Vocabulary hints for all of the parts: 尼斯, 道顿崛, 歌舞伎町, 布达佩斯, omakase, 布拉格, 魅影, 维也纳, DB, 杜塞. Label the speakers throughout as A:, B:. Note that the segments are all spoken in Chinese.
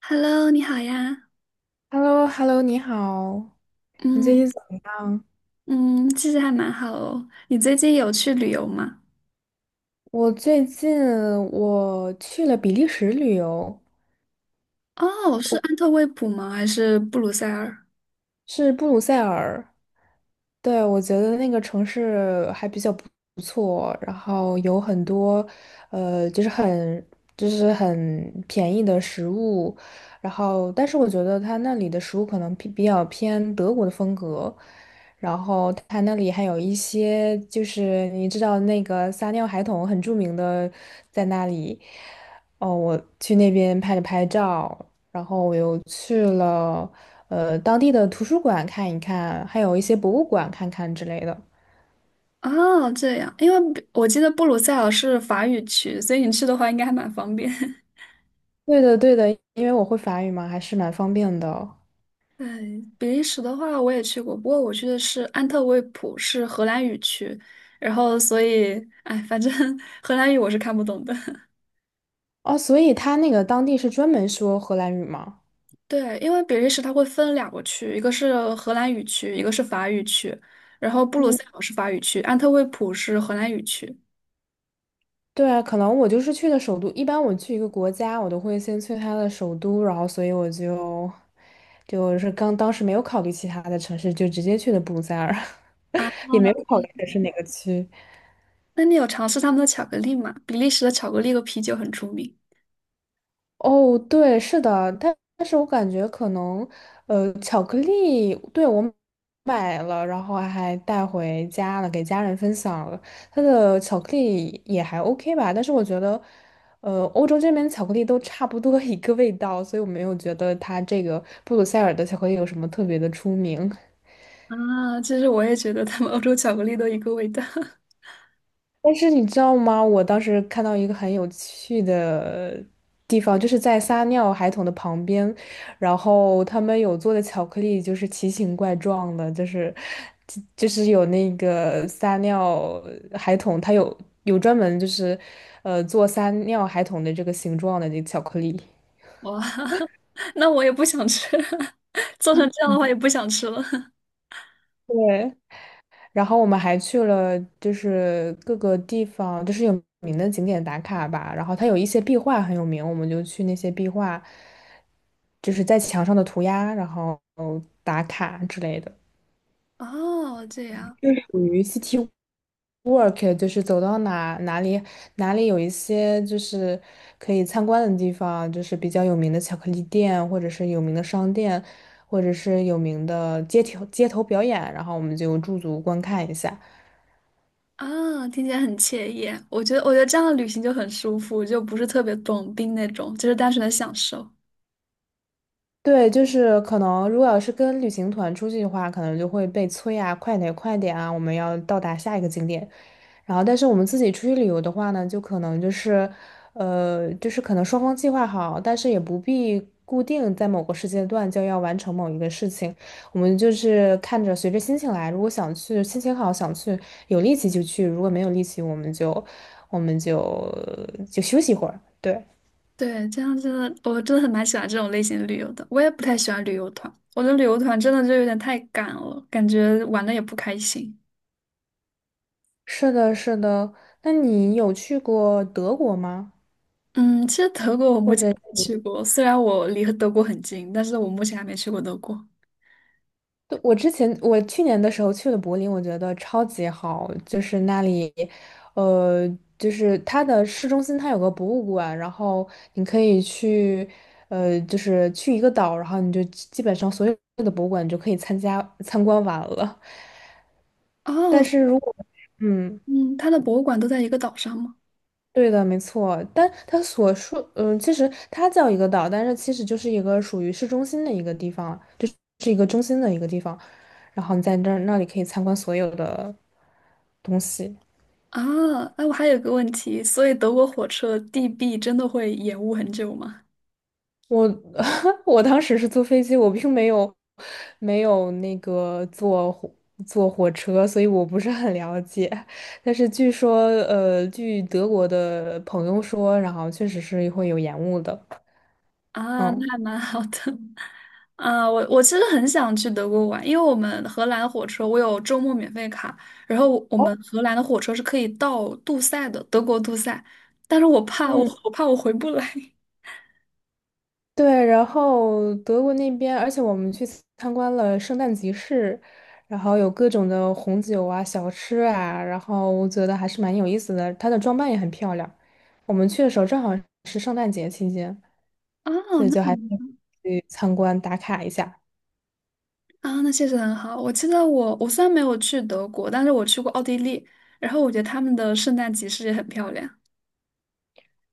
A: Hello，你好呀。
B: h e l l o h e l l o 你好，你最
A: 嗯
B: 近怎么样？
A: 嗯，其实还蛮好哦。你最近有去旅游吗？
B: 我最近去了比利时旅游，
A: 哦，是安特卫普吗？还是布鲁塞尔？
B: 是布鲁塞尔。对，我觉得那个城市还比较不错，然后有很多，呃，就是很就是很便宜的食物，然后但是我觉得他那里的食物可能比较偏德国的风格，然后他那里还有一些就是你知道那个撒尿孩童很著名的在那里。哦，我去那边拍了拍照，然后我又去了，当地的图书馆看一看，还有一些博物馆看看之类的。
A: 哦，这样，因为我记得布鲁塞尔是法语区，所以你去的话应该还蛮方便。
B: 对的，对的，因为我会法语嘛，还是蛮方便的。
A: 对，比利时的话我也去过，不过我去的是安特卫普，是荷兰语区，然后所以，哎，反正 荷兰语我是看不懂的。
B: 哦，所以他那个当地是专门说荷兰语吗？
A: 对，因为比利时它会分两个区，一个是荷兰语区，一个是法语区，然后布鲁
B: 嗯，
A: 塞尔是法语区，安特卫普是荷兰语区。
B: 对啊，可能我就是去的首都。一般我去一个国家，我都会先去他的首都，然后所以就是刚当时没有考虑其他的城市，就直接去的布鲁塞尔，也没有考虑的是哪个区。
A: 那你有尝试他们的巧克力吗？比利时的巧克力和啤酒很出名。
B: 哦，对，是的，但是我感觉可能，巧克力，对，我买了，然后还带回家了，给家人分享了。它的巧克力也还 OK 吧，但是我觉得，欧洲这边巧克力都差不多一个味道，所以我没有觉得它这个布鲁塞尔的巧克力有什么特别的出名。
A: 啊，其实我也觉得他们欧洲巧克力都一个味道。
B: 但是你知道吗？我当时看到一个很有趣的地方，就是在撒尿孩童的旁边，然后他们有做的巧克力就是奇形怪状的，就是有那个撒尿孩童，它有专门就是做撒尿孩童的这个形状的这个巧克力。
A: 哇，那我也不想吃，做成这样的话也不想吃了。
B: 对，然后我们还去了，就是各个地方，就是有名的景点打卡吧。然后它有一些壁画很有名，我们就去那些壁画，就是在墙上的涂鸦，然后打卡之类的。
A: 哦，这样
B: 属于 city walk，就是走到哪哪里有一些就是可以参观的地方，就是比较有名的巧克力店，或者是有名的商店，或者是有名的街头表演，然后我们就驻足观看一下。
A: 啊。听起来很惬意啊。我觉得，我觉得这样的旅行就很舒服，就不是特别短兵那种，就是单纯的享受。
B: 对，就是可能，如果要是跟旅行团出去的话，可能就会被催啊，快点，快点啊，我们要到达下一个景点。然后，但是我们自己出去旅游的话呢，就可能就是，就是可能双方计划好，但是也不必固定在某个时间段就要完成某一个事情。我们就是看着随着心情来，如果想去，心情好想去，有力气就去；如果没有力气，我们就休息一会儿。对。
A: 对，这样真的，我真的很蛮喜欢这种类型的旅游的。我也不太喜欢旅游团，我觉得旅游团真的就有点太赶了，感觉玩的也不开心。
B: 是的，是的。那你有去过德国吗？
A: 嗯，其实德国我目
B: 或
A: 前
B: 者，
A: 还没去过，虽然我离德国很近，但是我目前还没去过德国。
B: 对我之前我去年的时候去了柏林，我觉得超级好，就是那里，呃，就是它的市中心它有个博物馆，然后你可以去，就是去一个岛，然后你就基本上所有的博物馆你就可以参观完了。
A: 哦，
B: 但是如果，嗯。
A: 嗯，它的博物馆都在一个岛上吗？
B: 对的，没错。但它所说，其实它叫一个岛，但是其实就是一个属于市中心的一个地方，就是一个中心的一个地方。然后你在那里可以参观所有的东西。
A: 啊，哎，我还有个问题，所以德国火车 DB 真的会延误很久吗？
B: 我 我当时是坐飞机，我并没有那个坐火车，所以我不是很了解。但是据说，据德国的朋友说，然后确实是会有延误的。
A: 啊，
B: 嗯。
A: 那还蛮好的。啊，我其实很想去德国玩，因为我们荷兰火车我有周末免费卡，然后我我
B: 哦，
A: 们荷兰的火车是可以到杜塞的，德国杜塞，但是
B: 嗯，
A: 我怕我回不来。
B: 对，然后德国那边，而且我们去参观了圣诞集市，然后有各种的红酒啊、小吃啊，然后我觉得还是蛮有意思的。它的装扮也很漂亮。我们去的时候正好是圣诞节期间，
A: 哦，
B: 所以
A: 那
B: 就还去参观打卡一下。
A: 那确实很好。我记得我虽然没有去德国，但是我去过奥地利，然后我觉得他们的圣诞集市也很漂亮。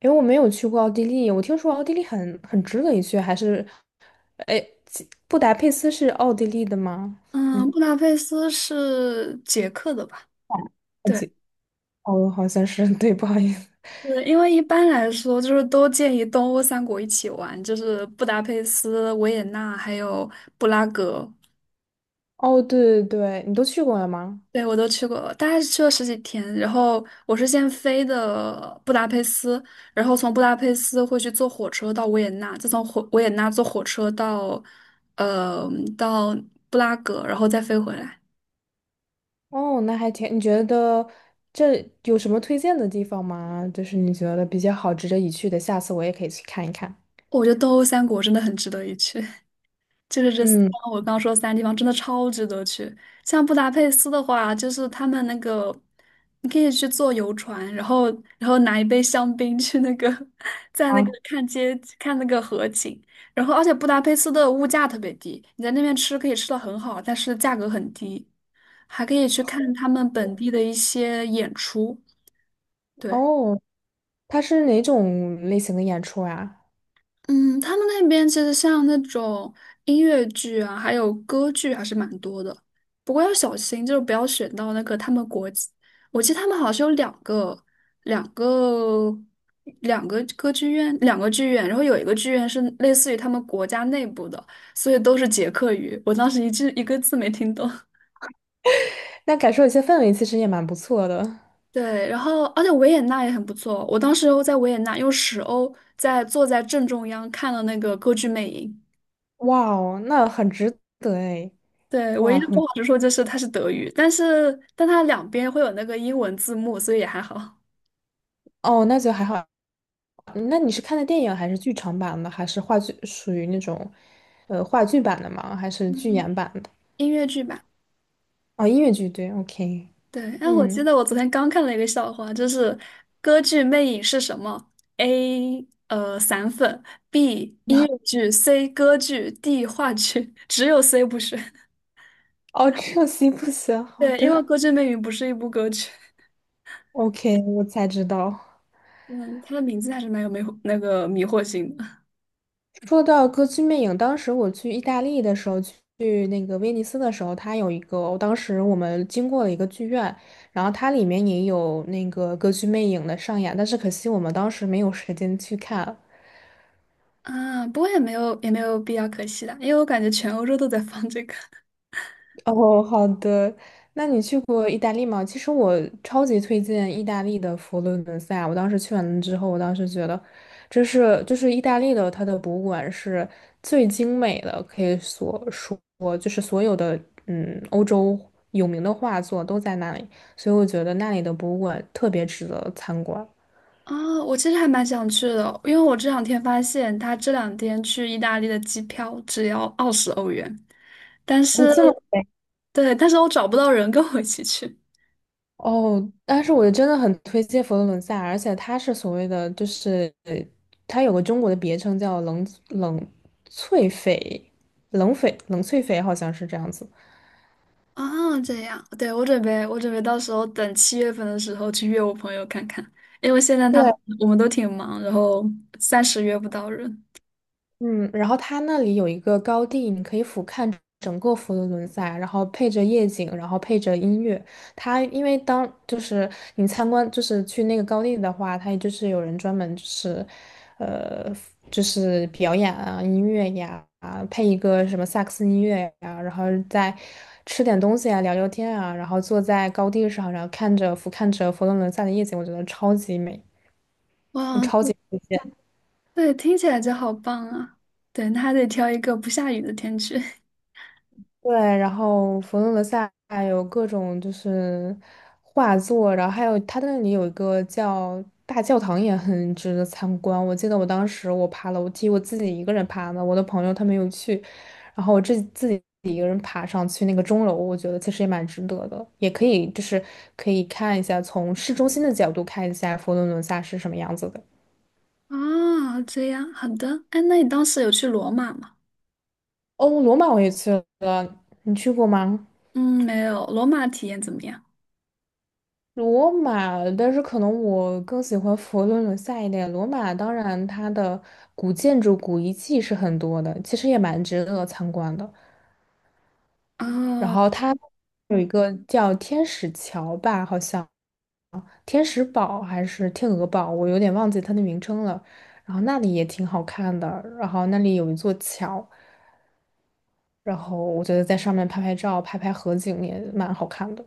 B: 因为我没有去过奥地利，我听说奥地利很值得一去，还是，哎，布达佩斯是奥地利的吗？
A: 嗯，
B: 嗯，
A: 布达佩斯是捷克的吧？
B: 好
A: 对。
B: 像哦，好像是，对，不好意思。
A: 是因为一般来说，就是都建议东欧三国一起玩，就是布达佩斯、维也纳还有布拉格。
B: 哦，对对对，你都去过了吗？
A: 对，我都去过，大概是去了十几天。然后我是先飞的布达佩斯，然后从布达佩斯会去坐火车到维也纳，再从维也纳坐火车到呃到布拉格，然后再飞回来。
B: 哦，那还挺，你觉得这有什么推荐的地方吗？就是你觉得比较好、值得一去的，下次我也可以去看一看。
A: 我觉得东欧三国真的很值得一去。就是
B: 嗯，
A: 我刚刚说的三个地方真的超值得去。像布达佩斯的话，就是他们那个，你可以去坐游船，然后拿一杯香槟去那个，在那
B: 啊，
A: 个看那个河景。然后而且布达佩斯的物价特别低，你在那边吃可以吃的很好，但是价格很低，还可以去看他们本地的一些演出。对。
B: 哦，它是哪种类型的演出啊？
A: 嗯，他们那边其实像那种音乐剧啊，还有歌剧还是蛮多的。不过要小心，就是不要选到那个他们国际我记得他们好像是有两个、两个歌剧院、两个剧院，然后有一个剧院是类似于他们国家内部的，所以都是捷克语。我当时一句一个字没听懂。
B: 那感受一下氛围，其实也蛮不错的。
A: 对，然后而且维也纳也很不错，我当时在维也纳用十欧坐在正中央看了那个歌剧魅影。
B: 哇哦，那很值得哎，
A: 对，唯一
B: 哇，
A: 的不
B: 很，
A: 好之说就是它是德语，但是但它两边会有那个英文字幕，所以也还好。
B: 哦，那就还好。嗯那你是看的电影还是剧场版的，还是话剧，属于那种，话剧版的吗？还是剧
A: 嗯，
B: 演版的？
A: 音乐剧吧，
B: 哦，音乐剧，对，OK，
A: 对。哎，我记
B: 嗯。
A: 得我昨天刚看了一个笑话，就是歌剧《魅影》是什么？A 散粉，B 音乐剧，C 歌剧，D 话剧，只有 C 不是。
B: 哦，这样行不行？好
A: 对，因为
B: 的。
A: 歌剧《魅影》不是一部歌剧。
B: OK，我才知道。
A: 嗯，它的名字还是蛮有迷惑性的。
B: 说到歌剧魅影，当时我去意大利的时候，去那个威尼斯的时候，它有一个，当时我们经过了一个剧院，然后它里面也有那个歌剧魅影的上演，但是可惜我们当时没有时间去看。
A: 啊，不过也没有必要可惜的，因为我感觉全欧洲都在放这个。
B: 哦，好的。那你去过意大利吗？其实我超级推荐意大利的佛罗伦萨。我当时去完了之后，我当时觉得，这是就是意大利的它的博物馆是最精美的，可以所说就是所有的欧洲有名的画作都在那里，所以我觉得那里的博物馆特别值得参观。
A: 啊，我其实还蛮想去的，因为我这两天发现，他这两天去意大利的机票只要20欧元，但
B: 哦，
A: 是
B: 这么美。
A: 对，但是我找不到人跟我一起去。
B: 哦，但是我真的很推荐佛罗伦萨，而且它是所谓的，就是它有个中国的别称叫冷翠翡，冷翡冷翠翡好像是这样子。
A: 啊，这样，对，我准备到时候等七月份的时候去约我朋友看看，因为现在
B: 对。
A: 我们都挺忙，然后暂时约不到人。
B: 嗯，然后它那里有一个高地，你可以俯瞰整个佛罗伦萨，然后配着夜景，然后配着音乐。它因为就是你参观，就是去那个高地的话，它就是有人专门呃，就是表演啊，音乐呀，啊，配一个什么萨克斯音乐呀，然后再吃点东西啊，聊聊天啊，然后坐在高地上，然后看着俯瞰着佛罗伦萨的夜景，我觉得超级美。
A: 哇，
B: 超级。
A: 对，听起来就好棒啊！对，那还得挑一个不下雨的天去。
B: 对，然后佛罗伦萨有各种就是画作，然后还有它那里有一个叫大教堂，也很值得参观。我记得我当时我爬楼梯，我自己一个人爬的，我的朋友他没有去，然后我自己一个人爬上去那个钟楼，我觉得其实也蛮值得的，也可以就是可以看一下从市中心的角度看一下佛罗伦萨是什么样子的。
A: 啊，这样，好的。哎，那你当时有去罗马吗？
B: 哦，罗马我也去了，你去过吗？
A: 嗯，没有，罗马体验怎么样？
B: 罗马，但是可能我更喜欢佛罗伦萨一点。罗马当然它的古建筑、古遗迹是很多的，其实也蛮值得参观的。然
A: 哦。
B: 后它有一个叫天使桥吧，好像天使堡还是天鹅堡，我有点忘记它的名称了。然后那里也挺好看的，然后那里有一座桥，然后我觉得在上面拍拍照、拍拍合景也蛮好看的。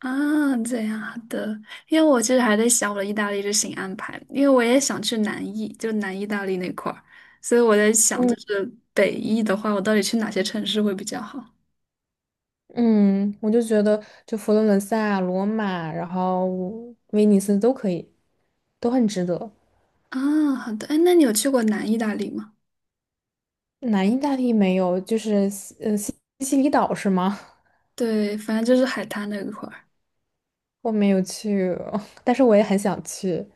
A: 啊，这样的，因为我其实还在想我的意大利之行安排，因为我也想去南意，就南意大利那块儿，所以我在想，
B: 嗯。
A: 就是北意的话，我到底去哪些城市会比较好？
B: 嗯，我就觉得就佛罗伦萨啊、罗马，然后威尼斯都可以，都很值得。
A: 啊，好的，哎，那你有去过南意大利吗？
B: 南意大利没有，就是西西里岛是吗？
A: 对，反正就是海滩那一块儿。
B: 我没有去，但是我也很想去。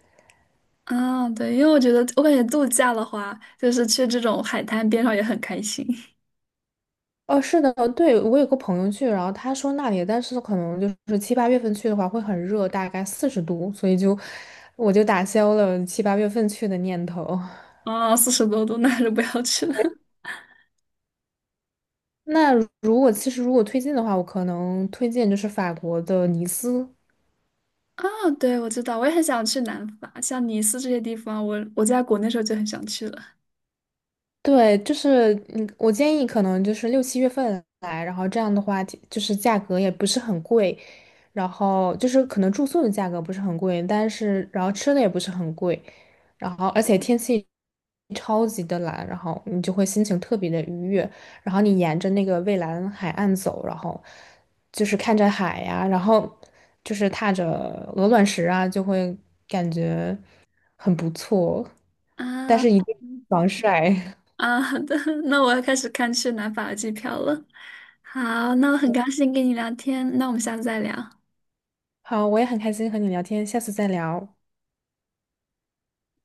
A: 啊，对，因为我觉得，我感觉度假的话，就是去这种海滩边上也很开心。
B: 哦，是的，对，我有个朋友去，然后他说那里，但是可能就是七八月份去的话会很热，大概40度，所以我就打消了七八月份去的念头。
A: 啊，40多度，那还是不要去了。
B: 那如果其实如果推荐的话，我可能推荐就是法国的尼斯。
A: 啊，对，我知道，我也很想去南法，像尼斯这些地方，我在国内时候就很想去了。
B: 对，就是我建议可能就是六七月份来，然后这样的话，就是价格也不是很贵，然后就是可能住宿的价格不是很贵，但是然后吃的也不是很贵，然后而且天气超级的蓝，然后你就会心情特别的愉悦，然后你沿着那个蔚蓝海岸走，然后就是看着海呀、然后就是踏着鹅卵石啊，就会感觉很不错，但
A: 啊
B: 是一定防晒。
A: 啊，好的，那我要开始看去南法的机票了。好，那我很高兴跟你聊天，那我们下次再聊。
B: 好，我也很开心和你聊天，下次再聊，